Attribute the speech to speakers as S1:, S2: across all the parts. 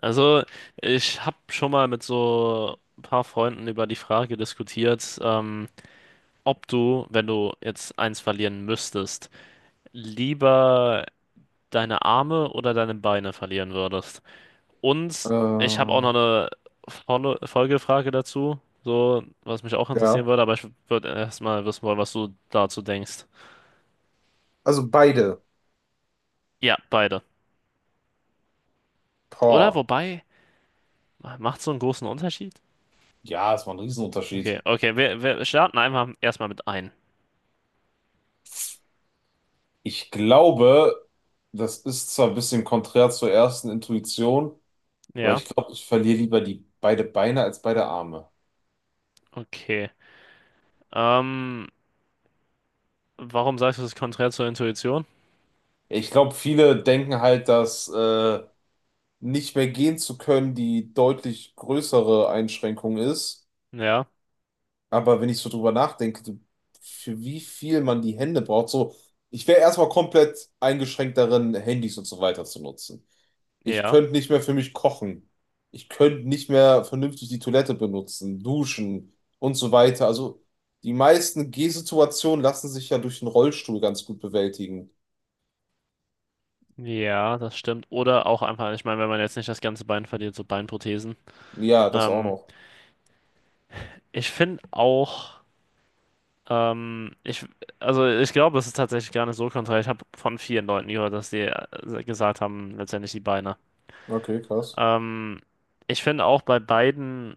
S1: Also, ich habe schon mal mit so ein paar Freunden über die Frage diskutiert, ob du, wenn du jetzt eins verlieren müsstest, lieber deine Arme oder deine Beine verlieren würdest. Und ich habe
S2: Äh,
S1: auch noch eine Folgefrage dazu, so was mich auch interessieren
S2: ja,
S1: würde, aber ich würde erstmal wissen wollen, was du dazu denkst.
S2: also beide.
S1: Ja, beide. Oder
S2: Boah.
S1: wobei, macht so einen großen Unterschied?
S2: Ja, es war ein
S1: Okay,
S2: Riesenunterschied.
S1: okay, wir starten einfach erstmal mit ein.
S2: Ich glaube, das ist zwar ein bisschen konträr zur ersten Intuition, aber
S1: Ja,
S2: ich glaube, ich verliere lieber die beide Beine als beide Arme.
S1: okay. Ähm, warum sagst du das ist konträr zur Intuition?
S2: Ich glaube, viele denken halt, dass nicht mehr gehen zu können die deutlich größere Einschränkung ist.
S1: Ja,
S2: Aber wenn ich so drüber nachdenke, für wie viel man die Hände braucht, so, ich wäre erstmal komplett eingeschränkt darin, Handys und so weiter zu nutzen. Ich
S1: ja,
S2: könnte nicht mehr für mich kochen. Ich könnte nicht mehr vernünftig die Toilette benutzen, duschen und so weiter. Also die meisten Gehsituationen lassen sich ja durch den Rollstuhl ganz gut bewältigen.
S1: ja, das stimmt. Oder auch einfach, ich meine, wenn man jetzt nicht das ganze Bein verliert, so Beinprothesen.
S2: Ja, das auch
S1: Ähm,
S2: noch.
S1: ich finde auch, ich, also ich glaube, das ist tatsächlich gar nicht so konträr. Ich habe von vielen Leuten gehört, dass die gesagt haben, letztendlich die Beine.
S2: Okay, krass.
S1: Ähm, ich finde auch bei beiden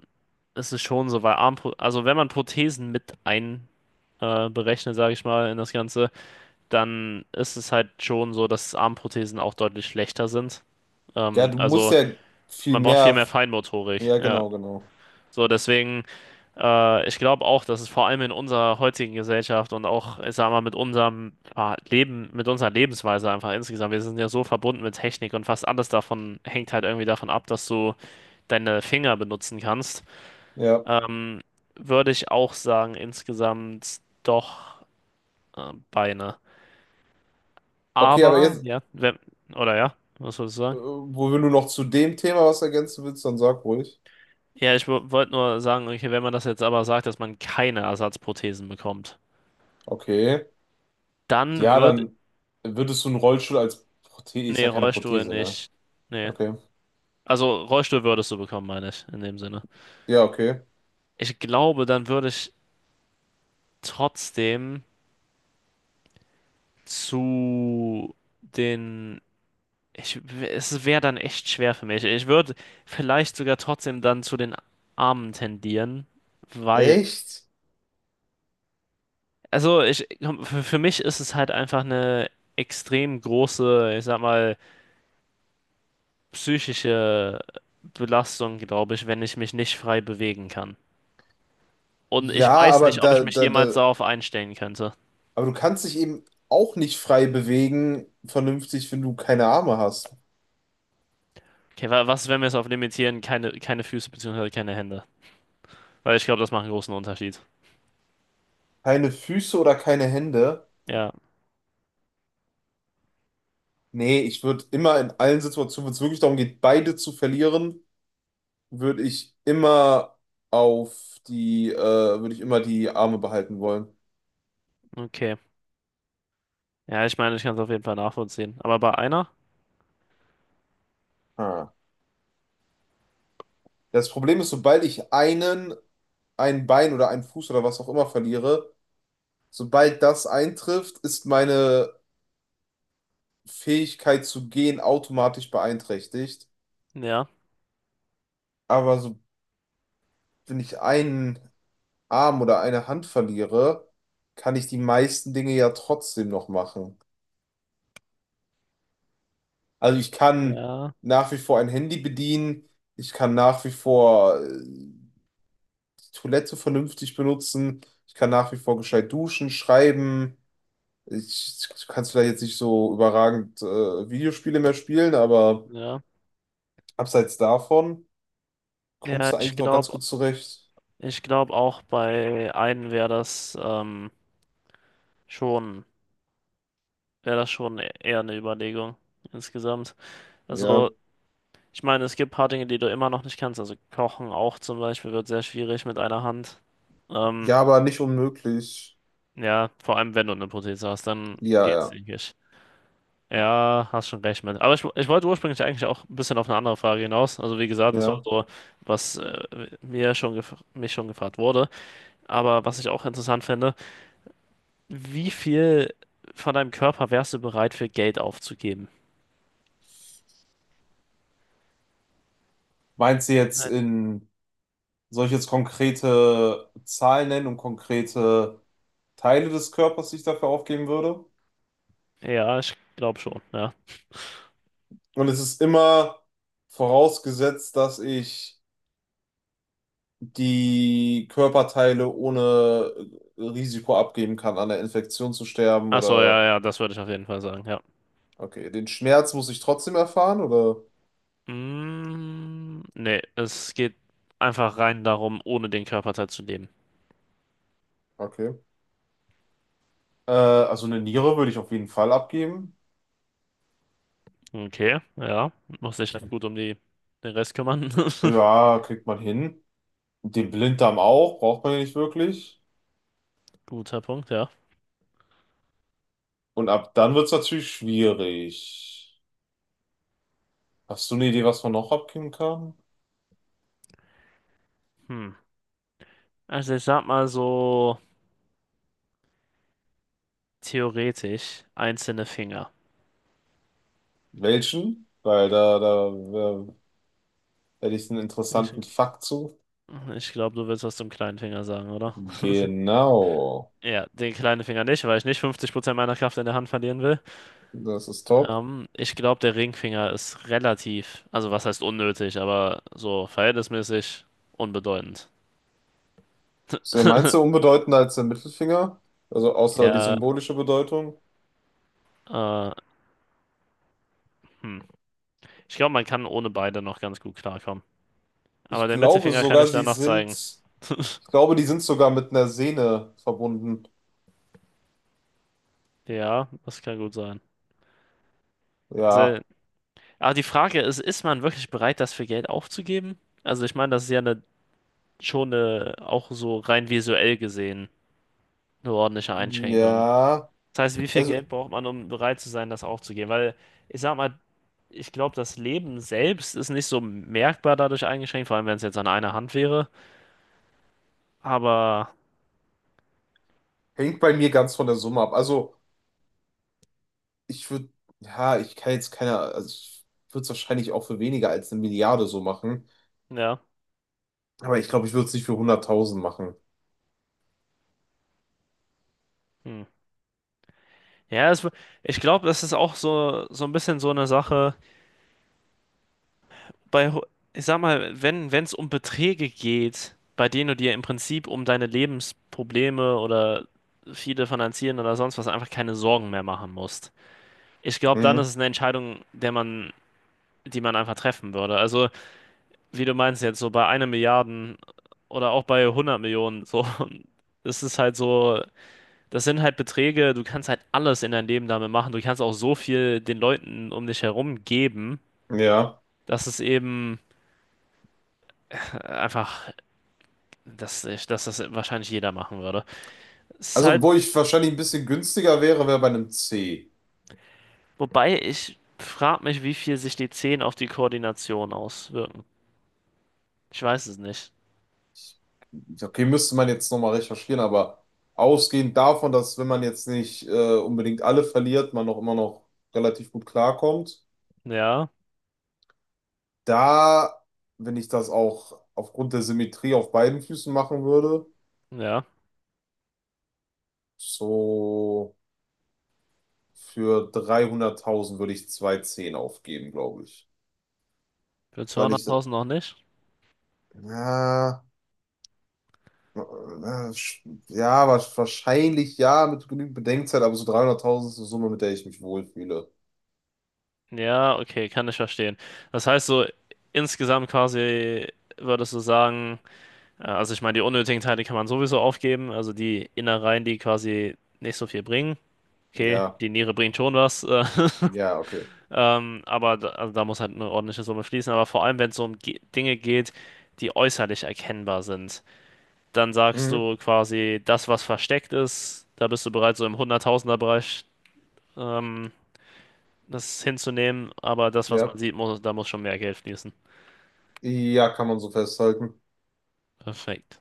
S1: ist es schon so, weil Armpro also wenn man Prothesen mit ein berechnet, sage ich mal, in das Ganze. Dann ist es halt schon so, dass Armprothesen auch deutlich schlechter sind.
S2: Ja,
S1: Ähm,
S2: du musst
S1: also
S2: ja viel
S1: man braucht viel
S2: mehr.
S1: mehr Feinmotorik,
S2: Ja,
S1: ja.
S2: genau, genau.
S1: So, deswegen, ich glaube auch, dass es vor allem in unserer heutigen Gesellschaft und auch, ich sag mal, mit unserem Leben, mit unserer Lebensweise einfach insgesamt, wir sind ja so verbunden mit Technik und fast alles davon hängt halt irgendwie davon ab, dass du deine Finger benutzen kannst.
S2: Ja.
S1: Ähm, würde ich auch sagen, insgesamt doch Beine.
S2: Okay, aber
S1: Aber,
S2: jetzt,
S1: ja, wenn, oder ja, was soll ich sagen?
S2: wo wenn du noch zu dem Thema was ergänzen willst, dann sag ruhig.
S1: Ja, ich wollte nur sagen, okay, wenn man das jetzt aber sagt, dass man keine Ersatzprothesen bekommt,
S2: Okay.
S1: dann
S2: Ja,
S1: wird,
S2: dann würdest du einen Rollstuhl als Prothese, ist
S1: nee,
S2: ja keine
S1: Rollstuhl
S2: Prothese, ne?
S1: nicht, nee.
S2: Okay.
S1: Also Rollstuhl würdest du bekommen, meine ich, in dem Sinne.
S2: Ja, okay.
S1: Ich glaube, dann würde ich trotzdem zu den, ich, es wäre dann echt schwer für mich. Ich würde vielleicht sogar trotzdem dann zu den Armen tendieren, weil
S2: Echt?
S1: also ich, für mich ist es halt einfach eine extrem große, ich sag mal, psychische Belastung, glaube ich, wenn ich mich nicht frei bewegen kann. Und ich
S2: Ja,
S1: weiß
S2: aber
S1: nicht, ob ich
S2: da,
S1: mich
S2: da,
S1: jemals
S2: da,
S1: darauf einstellen könnte.
S2: aber du kannst dich eben auch nicht frei bewegen, vernünftig, wenn du keine Arme hast.
S1: Okay, was, wenn wir es auf limitieren? Keine Füße beziehungsweise keine Hände. Weil ich glaube, das macht einen großen Unterschied.
S2: Keine Füße oder keine Hände.
S1: Ja,
S2: Nee, ich würde immer in allen Situationen, wenn es wirklich darum geht, beide zu verlieren, würde ich immer auf die, äh, würde ich immer die Arme behalten wollen.
S1: okay. Ja, ich meine, ich kann es auf jeden Fall nachvollziehen. Aber bei einer?
S2: Ah. Das Problem ist, sobald ich ein Bein oder einen Fuß oder was auch immer verliere, sobald das eintrifft, ist meine Fähigkeit zu gehen automatisch beeinträchtigt.
S1: Ja.
S2: Aber so, wenn ich einen Arm oder eine Hand verliere, kann ich die meisten Dinge ja trotzdem noch machen. Also ich kann
S1: Ja,
S2: nach wie vor ein Handy bedienen, ich kann nach wie vor die Toilette vernünftig benutzen, ich kann nach wie vor gescheit duschen, schreiben. Ich kann vielleicht jetzt nicht so überragend Videospiele mehr spielen, aber
S1: ja.
S2: abseits davon
S1: Ja,
S2: kommst du eigentlich noch ganz gut zurecht.
S1: ich glaube auch bei einem wäre das schon. Wäre das schon eher eine Überlegung insgesamt.
S2: Ja.
S1: Also, ich meine, es gibt ein paar Dinge, die du immer noch nicht kannst. Also Kochen auch zum Beispiel wird sehr schwierig mit einer Hand. Ähm,
S2: Ja, aber nicht unmöglich.
S1: ja, vor allem wenn du eine Prothese hast, dann
S2: Ja,
S1: geht's,
S2: ja,
S1: denke ich. Ja, hast schon recht mit. Aber ich wollte ursprünglich eigentlich auch ein bisschen auf eine andere Frage hinaus. Also wie gesagt, das war
S2: ja.
S1: so, was mir schon gef mich schon gefragt wurde. Aber was ich auch interessant finde, wie viel von deinem Körper wärst du bereit für Geld aufzugeben?
S2: Meinst du jetzt
S1: Nein.
S2: soll ich jetzt konkrete Zahlen nennen und konkrete Teile des Körpers, die ich dafür aufgeben würde?
S1: Ja, ich glaube schon, ja.
S2: Und es ist immer vorausgesetzt, dass ich die Körperteile ohne Risiko abgeben kann, an der Infektion zu sterben
S1: Ach so, ja,
S2: oder,
S1: ja, das würde ich auf jeden Fall sagen, ja.
S2: okay, den Schmerz muss ich trotzdem erfahren oder,
S1: Mm, nee, es geht einfach rein darum, ohne den Körperteil zu leben.
S2: okay. Also eine Niere würde ich auf jeden Fall abgeben.
S1: Okay, ja. Muss sich dann gut um die, den Rest kümmern.
S2: Ja, kriegt man hin. Den Blinddarm auch, braucht man ja nicht wirklich.
S1: Guter Punkt, ja.
S2: Und ab dann wird es natürlich schwierig. Hast du eine Idee, was man noch abgeben kann?
S1: Hm. Also ich sag mal so theoretisch einzelne Finger.
S2: Welchen? Weil hätte ich einen
S1: Ich,
S2: interessanten Fakt zu.
S1: ich glaube, du willst was zum kleinen Finger sagen, oder?
S2: Genau.
S1: Ja, den kleinen Finger nicht, weil ich nicht 50% meiner Kraft in der Hand verlieren will.
S2: Das ist top.
S1: Ich glaube, der Ringfinger ist relativ, also was heißt unnötig, aber so verhältnismäßig unbedeutend.
S2: Ist der meinst du unbedeutender als der Mittelfinger? Also außer die
S1: Ja,
S2: symbolische Bedeutung?
S1: äh, hm. Ich glaube, man kann ohne beide noch ganz gut klarkommen. Aber
S2: Ich
S1: der
S2: glaube
S1: Mittelfinger kann
S2: sogar,
S1: ich dann
S2: sie
S1: noch
S2: sind,
S1: zeigen.
S2: ich glaube, die sind sogar mit einer Sehne verbunden.
S1: Ja, das kann gut sein. Also,
S2: Ja.
S1: aber die Frage ist, ist man wirklich bereit, das für Geld aufzugeben? Also ich meine, das ist ja eine, schon eine, auch so rein visuell gesehen, eine ordentliche Einschränkung.
S2: Ja.
S1: Das heißt, wie viel
S2: Also
S1: Geld braucht man, um bereit zu sein, das aufzugeben? Weil, ich sag mal, ich glaube, das Leben selbst ist nicht so merkbar dadurch eingeschränkt, vor allem wenn es jetzt an einer Hand wäre. Aber
S2: hängt bei mir ganz von der Summe ab. Also. Ich würde, ja, ich kann jetzt keine, also ich würde es wahrscheinlich auch für weniger als eine Milliarde so machen.
S1: ja.
S2: Aber ich glaube, ich würde es nicht für 100.000 machen.
S1: Hm. Ja, es, ich glaube, das ist auch so, so ein bisschen so eine Sache. Bei, ho- ich sag mal, wenn es um Beträge geht, bei denen du dir im Prinzip um deine Lebensprobleme oder viele finanzieren oder sonst was einfach keine Sorgen mehr machen musst. Ich glaube, dann ist
S2: Hm,
S1: es eine Entscheidung, der man, die man einfach treffen würde. Also wie du meinst jetzt, so bei einer Milliarden oder auch bei 100 Millionen, so, das ist halt so, das sind halt Beträge, du kannst halt alles in deinem Leben damit machen, du kannst auch so viel den Leuten um dich herum geben,
S2: ja.
S1: dass es eben äh, einfach, dass das wahrscheinlich jeder machen würde. Es ist
S2: Also,
S1: halt,
S2: wo ich wahrscheinlich ein bisschen günstiger wäre, wäre bei einem C.
S1: wobei ich frage mich, wie viel sich die 10 auf die Koordination auswirken. Ich weiß es nicht.
S2: Ja, okay, müsste man jetzt nochmal recherchieren, aber ausgehend davon, dass wenn man jetzt nicht unbedingt alle verliert, man noch immer noch relativ gut klarkommt,
S1: Ja,
S2: da, wenn ich das auch aufgrund der Symmetrie auf beiden Füßen machen würde,
S1: ja,
S2: so. Für 300.000 würde ich zwei Zehn aufgeben, glaube ich.
S1: für
S2: Weil ich,
S1: 200.000 noch nicht.
S2: na, äh, ja, wahrscheinlich ja, mit genügend Bedenkzeit, aber so 300.000 ist eine Summe, mit der ich mich wohlfühle.
S1: Ja, okay, kann ich verstehen. Das heißt so, insgesamt quasi würdest du sagen, also ich meine, die unnötigen Teile kann man sowieso aufgeben, also die Innereien, die quasi nicht so viel bringen. Okay,
S2: Ja,
S1: die Niere bringt schon was,
S2: ja, okay.
S1: aber da, also da muss halt eine ordentliche Summe fließen. Aber vor allem, wenn es so um Ge Dinge geht, die äußerlich erkennbar sind, dann sagst
S2: Mhm,
S1: du quasi, das, was versteckt ist, da bist du bereit, so im Hunderttausender-Bereich ähm, das hinzunehmen, aber das, was man
S2: ja,
S1: sieht, da muss schon mehr Geld fließen.
S2: ja, kann man so festhalten.
S1: Perfekt.